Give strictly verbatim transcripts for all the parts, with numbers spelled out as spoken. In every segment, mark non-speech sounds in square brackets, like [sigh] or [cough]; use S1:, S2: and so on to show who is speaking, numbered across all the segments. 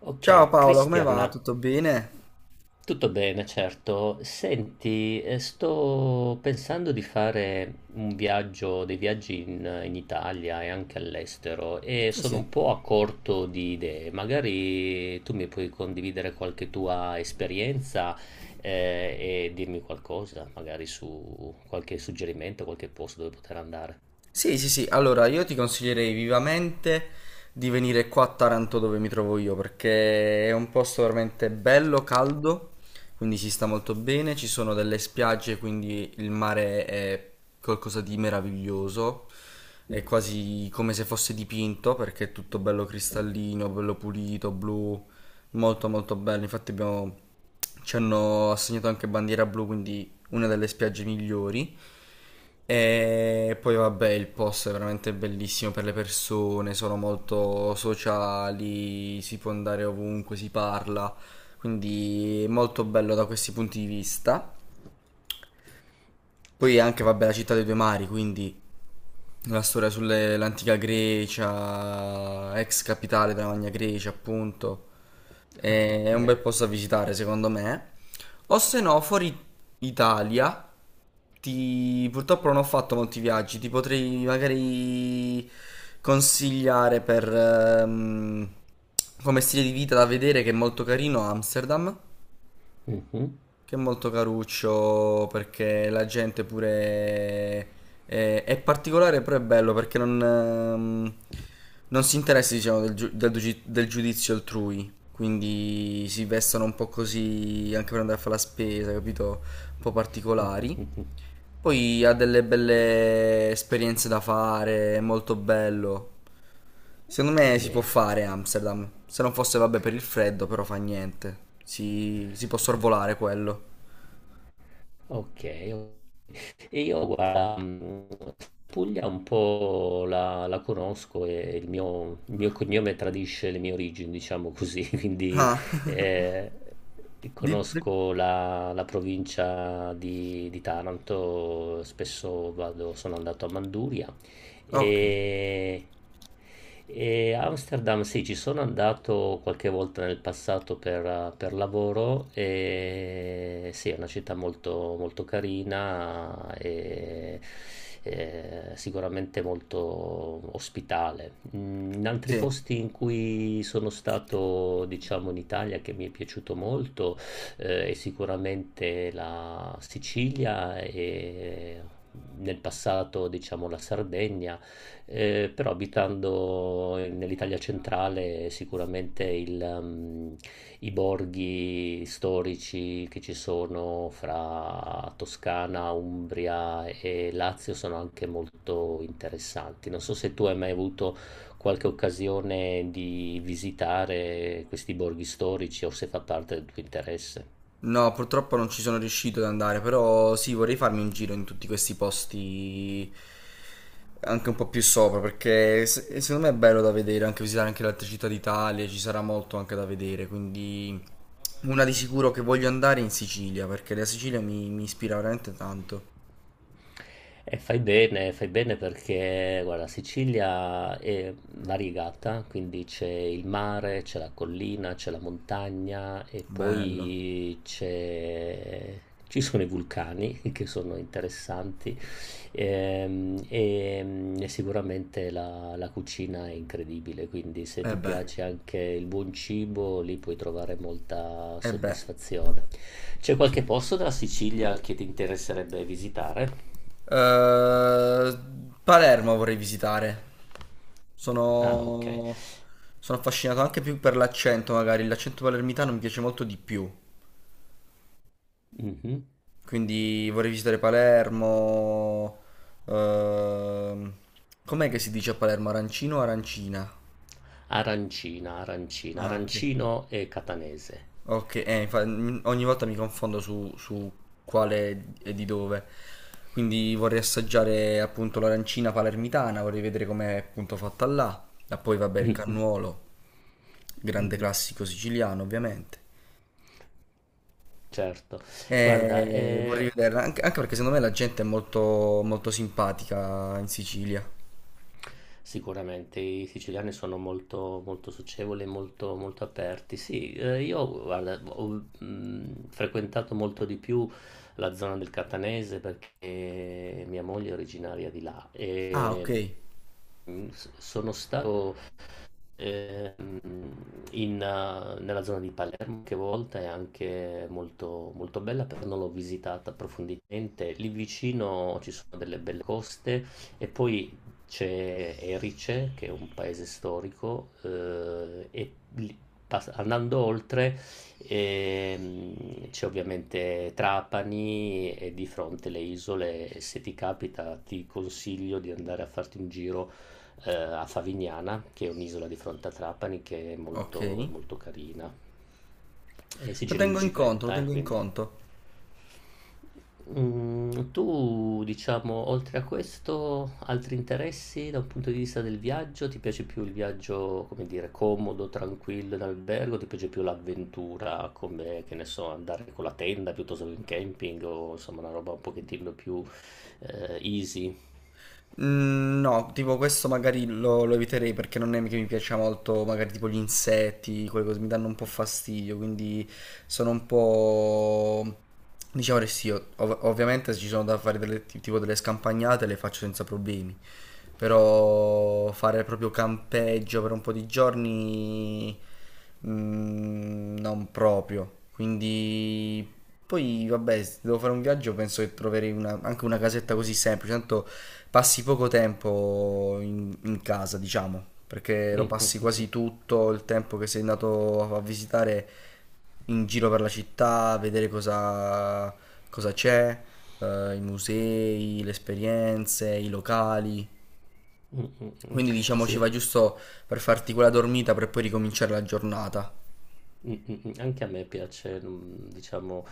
S1: Ok,
S2: Ciao Paolo, come
S1: Cristian,
S2: va? Tutto bene?
S1: tutto bene, certo. Senti, eh, sto pensando di fare un viaggio, dei viaggi in, in Italia e anche all'estero e
S2: Sì,
S1: sono
S2: sì.
S1: un po' a corto di idee. Magari tu mi puoi condividere qualche tua esperienza, eh, e dirmi qualcosa, magari su qualche suggerimento, qualche posto dove poter andare.
S2: Sì, sì, sì, allora io ti consiglierei vivamente di venire qua a Taranto dove mi trovo io perché è un posto veramente bello, caldo, quindi si sta molto bene, ci sono delle spiagge, quindi il mare è qualcosa di meraviglioso, è quasi come se fosse dipinto perché è tutto bello cristallino, bello pulito, blu, molto molto bello, infatti abbiamo ci hanno assegnato anche bandiera blu, quindi una delle spiagge migliori. E poi vabbè, il posto è veramente bellissimo per le persone, sono molto sociali, si può andare ovunque, si parla, quindi è molto bello da questi punti di vista. Poi anche vabbè la città dei due mari, quindi la storia sull'antica Grecia, ex capitale della Magna Grecia, appunto.
S1: Ah,
S2: Eh, È un bel
S1: bene.
S2: posto da visitare, secondo me. O se no, fuori Italia, ti... purtroppo non ho fatto molti viaggi, ti potrei magari consigliare per ehm, come stile di vita da vedere che è molto carino Amsterdam.
S1: Mhm.
S2: Che è molto caruccio perché la gente pure è, è particolare, però è bello perché non, ehm, non si interessa, diciamo, del, giu- del giu- del giudizio altrui. Quindi si vestono un po' così anche per andare a fare la spesa, capito? Un po' particolari. Poi ha delle belle esperienze da fare, è molto bello. Secondo me si può
S1: Bene.
S2: fare Amsterdam. Se non fosse, vabbè, per il freddo, però fa niente. Si, si può sorvolare quello.
S1: Okay, o e io guarda, mhmm, Puglia un po' la la conosco e il mio il mio cognome tradisce le mie origini, diciamo così, [laughs] quindi,
S2: Ah, [laughs]
S1: ehm,
S2: di- di-
S1: conosco la la provincia di di Taranto, spesso vado sono andato a Manduria
S2: ok,
S1: e, e Amsterdam, sì, ci sono andato qualche volta nel passato per, per lavoro e sì, è una città molto, molto carina e, eh, sicuramente molto ospitale. Mm, In altri
S2: sì.
S1: posti in cui sono stato, diciamo, in Italia che mi è piaciuto molto eh, è sicuramente la Sicilia e nel passato, diciamo, la Sardegna eh, però abitando nell'Italia centrale sicuramente il, ehm, i borghi storici che ci sono fra Toscana, Umbria e Lazio sono anche molto interessanti. Non so se tu hai mai avuto qualche occasione di visitare questi borghi storici o se fa parte del tuo interesse.
S2: No, purtroppo non ci sono riuscito ad andare, però sì, vorrei farmi un giro in tutti questi posti anche un po' più sopra, perché se- secondo me è bello da vedere, anche visitare anche le altre città d'Italia, ci sarà molto anche da vedere, quindi una di sicuro che voglio andare è in Sicilia, perché la Sicilia mi, mi ispira veramente tanto.
S1: E fai bene, fai bene perché, guarda, Sicilia è variegata, quindi c'è il mare, c'è la collina, c'è la montagna e
S2: Bello.
S1: poi c'è... ci sono i vulcani [laughs] che sono interessanti ehm, e, mm, e sicuramente la, la cucina è incredibile, quindi se
S2: E
S1: ti
S2: beh,
S1: piace anche il buon cibo, lì puoi trovare molta
S2: e beh.
S1: soddisfazione. C'è qualche posto della Sicilia che ti interesserebbe visitare?
S2: Eh, Palermo vorrei visitare.
S1: Ah, ok.
S2: Sono... sono affascinato anche più per l'accento, magari. L'accento palermitano mi piace molto di più.
S1: Mhm.
S2: Quindi vorrei visitare Palermo. Ehm, Com'è che si dice a Palermo? Arancino o arancina?
S1: Arancina, arancina,
S2: Ah, ok.
S1: arancino e catanese.
S2: Ok, eh, infa- m- ogni volta mi confondo su, su quale e di dove. Quindi vorrei assaggiare appunto l'arancina palermitana, vorrei vedere com'è appunto fatta là. E poi vabbè il
S1: Mhm.
S2: cannuolo, grande
S1: Mhm.
S2: classico siciliano ovviamente.
S1: Certo. Guarda,
S2: E
S1: eh,
S2: vorrei vedere, anche, anche perché secondo me la gente è molto, molto simpatica in Sicilia.
S1: sicuramente i siciliani sono molto, molto socievoli, e molto, molto aperti. Sì, eh, io guarda, ho mm, frequentato molto di più la zona del Catanese perché mia moglie è originaria di là
S2: Ah, ok,
S1: e mm, s- sono stato Ehm, in, eh, nella zona di Palermo, che a volte è anche molto, molto bella, però non l'ho visitata approfonditamente. Lì vicino ci sono delle belle coste e poi c'è Erice, che è un paese storico, eh, e lì- pass- andando oltre ehm, c'è ovviamente Trapani e di fronte le isole. Se ti capita, ti consiglio di andare a farti un giro eh, a Favignana, che è un'isola di fronte a Trapani che è
S2: ok.
S1: molto, molto carina e si
S2: Lo
S1: gira in
S2: tengo in conto, lo
S1: bicicletta, eh,
S2: tengo in
S1: quindi.
S2: conto.
S1: Mm, tu, diciamo, oltre a questo, altri interessi da un punto di vista del viaggio? Ti piace più il viaggio, come dire, comodo, tranquillo in albergo? Ti piace più l'avventura, come, che ne so, andare con la tenda piuttosto che in camping o insomma una roba un pochettino più eh, easy?
S2: Mm, No, tipo questo magari lo, lo eviterei perché non è che mi piaccia molto, magari tipo gli insetti, quelle cose mi danno un po' fastidio, quindi sono un po'... Diciamo che sì, ov- ovviamente se ci sono da fare delle, tipo delle scampagnate le faccio senza problemi, però fare proprio campeggio per un po' di giorni mm, non proprio, quindi poi, vabbè, se devo fare un viaggio, penso che troverei una- anche una casetta così semplice, tanto passi poco tempo in, in casa, diciamo, perché lo passi
S1: [laughs]
S2: quasi tutto il tempo che sei andato a visitare in giro per la città, a vedere cosa, cosa c'è, eh, i musei, le esperienze, i locali.
S1: Mm, mm, mm, mm.
S2: Quindi, diciamo, ci
S1: Sì,
S2: va giusto per farti quella dormita per poi ricominciare la giornata.
S1: mm, mm, mm. Anche a me piace, mm, diciamo,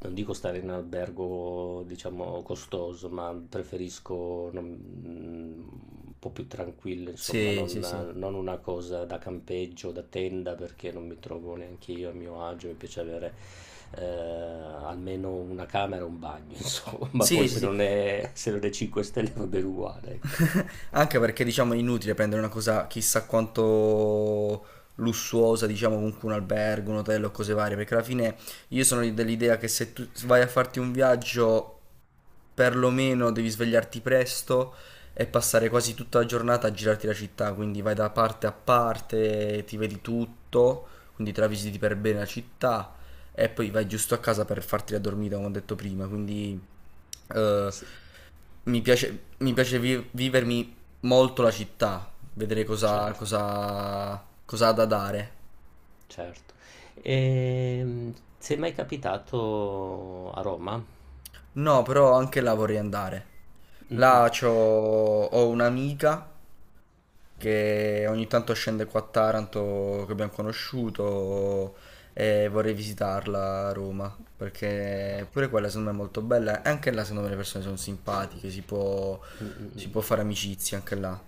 S1: non dico stare in albergo, diciamo, costoso, ma preferisco non- mm, un po' più tranquillo, insomma,
S2: Sì,
S1: non,
S2: sì, sì.
S1: non una cosa da campeggio, da tenda, perché non mi trovo neanche io a mio agio, mi piace avere eh, almeno una camera e un bagno, [laughs] insomma, poi
S2: Sì, sì,
S1: se
S2: sì.
S1: non è, se non è cinque stelle va bene uguale, ecco.
S2: [laughs] Anche perché diciamo è inutile prendere una cosa chissà quanto lussuosa, diciamo comunque un albergo, un hotel o cose varie, perché alla fine io sono dell'idea che se tu vai a farti un viaggio perlomeno devi svegliarti presto e passare quasi tutta la giornata a girarti la città, quindi vai da parte a parte, ti vedi tutto, quindi te la visiti per bene la città e poi vai giusto a casa per farti la dormita, come ho detto prima, quindi eh,
S1: Sì,
S2: mi piace, mi piace vi- vivermi molto la città, vedere cosa,
S1: certo.
S2: cosa, cosa ha da dare.
S1: Certo. Ehm, sei mai capitato a Roma?
S2: No, però anche là vorrei andare.
S1: Mm-mm.
S2: Là c'ho, ho un'amica che ogni tanto scende qua a Taranto, che abbiamo conosciuto, e vorrei visitarla a Roma, perché pure quella secondo me è molto bella, e anche là secondo me le persone sono simpatiche, si può, si può
S1: Mm-mm.
S2: fare amicizia anche là.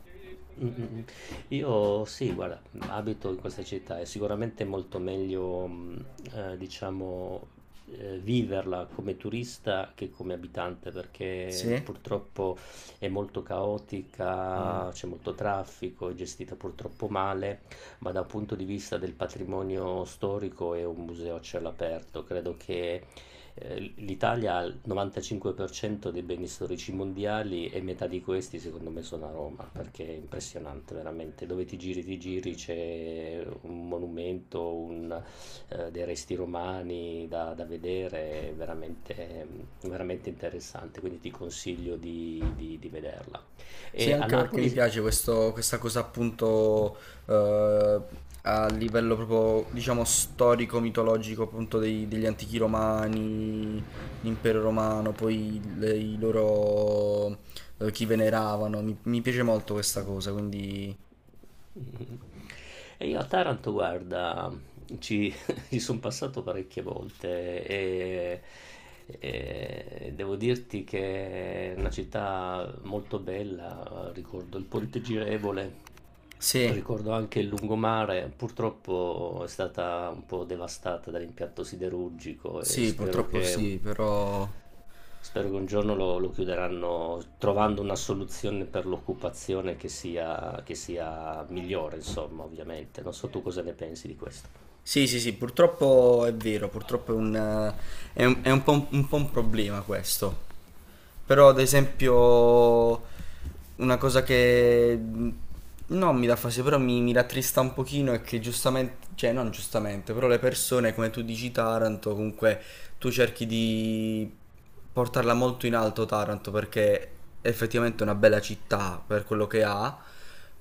S1: Mm-mm. Io sì, guarda, abito in questa città, è sicuramente molto meglio, mm, eh, diciamo, eh, viverla come turista che come abitante, perché
S2: Sì?
S1: purtroppo è molto
S2: Mm.
S1: caotica, c'è molto traffico, è gestita purtroppo male, ma dal punto di vista del patrimonio storico è un museo a cielo aperto. Credo che eh, l'Italia ha il novantacinque per cento dei beni storici mondiali e metà di questi secondo me sono a Roma, perché è impressionante veramente, dove ti giri ti giri c'è un monumento, un, eh, dei resti romani da, da vedere, è veramente, veramente interessante, quindi ti consiglio di, di- di vederla.
S2: Sì,
S1: E a
S2: anche perché mi
S1: Napoli
S2: piace questo- questa cosa appunto eh, a livello proprio, diciamo, storico-mitologico appunto dei- degli antichi romani, l'impero romano, poi le- i loro, eh, chi veneravano, mi, mi piace molto questa cosa, quindi
S1: [laughs] Mhm. E io a Taranto, guarda, ci, [laughs] ci sono passato parecchie volte e, e devo dirti che è una città molto bella, ricordo il Ponte Girevole,
S2: sì,
S1: ricordo anche il lungomare, purtroppo è stata un po' devastata dall'impianto siderurgico e
S2: sì,
S1: spero
S2: purtroppo
S1: che un,
S2: sì, però
S1: spero che un giorno lo, lo chiuderanno trovando una soluzione per l'occupazione che sia, che sia migliore, insomma, ovviamente. Non so tu cosa ne pensi di questo.
S2: sì, sì, sì, purtroppo è vero, purtroppo è un, eh, è un- è un po' un, un po' un problema questo. Però, ad esempio, una cosa che mm, non mi dà fastidio, però mi, mi rattrista un pochino è che giustamente, cioè non giustamente, però le persone, come tu dici, Taranto, comunque tu cerchi di portarla molto in alto Taranto perché è effettivamente una bella città per quello che ha,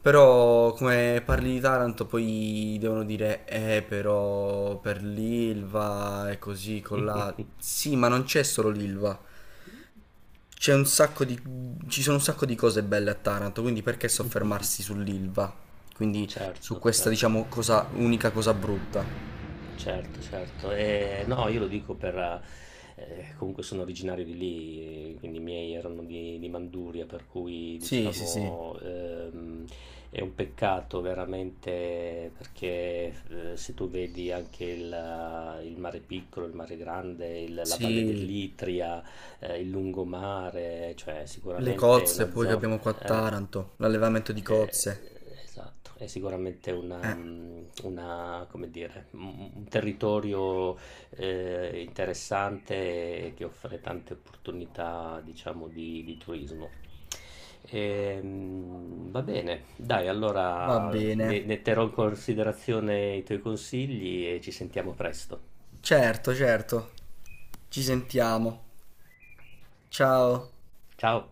S2: però come parli di Taranto poi devono dire eh però per l'Ilva e così con la... Sì, ma non c'è solo l'Ilva. C'è un sacco di... ci sono un sacco di cose belle a Taranto, quindi perché soffermarsi
S1: [laughs]
S2: sull'Ilva? Quindi su
S1: Certo,
S2: questa, diciamo,
S1: certo.
S2: cosa, unica cosa brutta.
S1: Certo, certo. Ehm, no, io lo dico per ehm, comunque sono originario di lì, eh, quindi i miei erano di di Manduria, per cui
S2: Sì, sì, sì.
S1: diciamo, ehm, è un peccato veramente perché, ehm, se tu vedi anche il il mare piccolo, il mare grande, il la Valle
S2: Sì,
S1: dell'Itria, eh, il lungomare, cioè
S2: le
S1: sicuramente
S2: cozze
S1: una
S2: poi che
S1: zona...
S2: abbiamo qua a
S1: Eh,
S2: Taranto, l'allevamento di cozze.
S1: eh, esatto, è sicuramente una,
S2: Eh,
S1: mm, una, come dire, un un territorio eh, interessante e che offre tante opportunità, diciamo, di, di turismo. Ehm, va bene, dai,
S2: va
S1: allora
S2: bene.
S1: ne ne terrò in considerazione i tuoi consigli e ci sentiamo presto.
S2: Certo, certo. Ci sentiamo. Ciao.
S1: Ciao!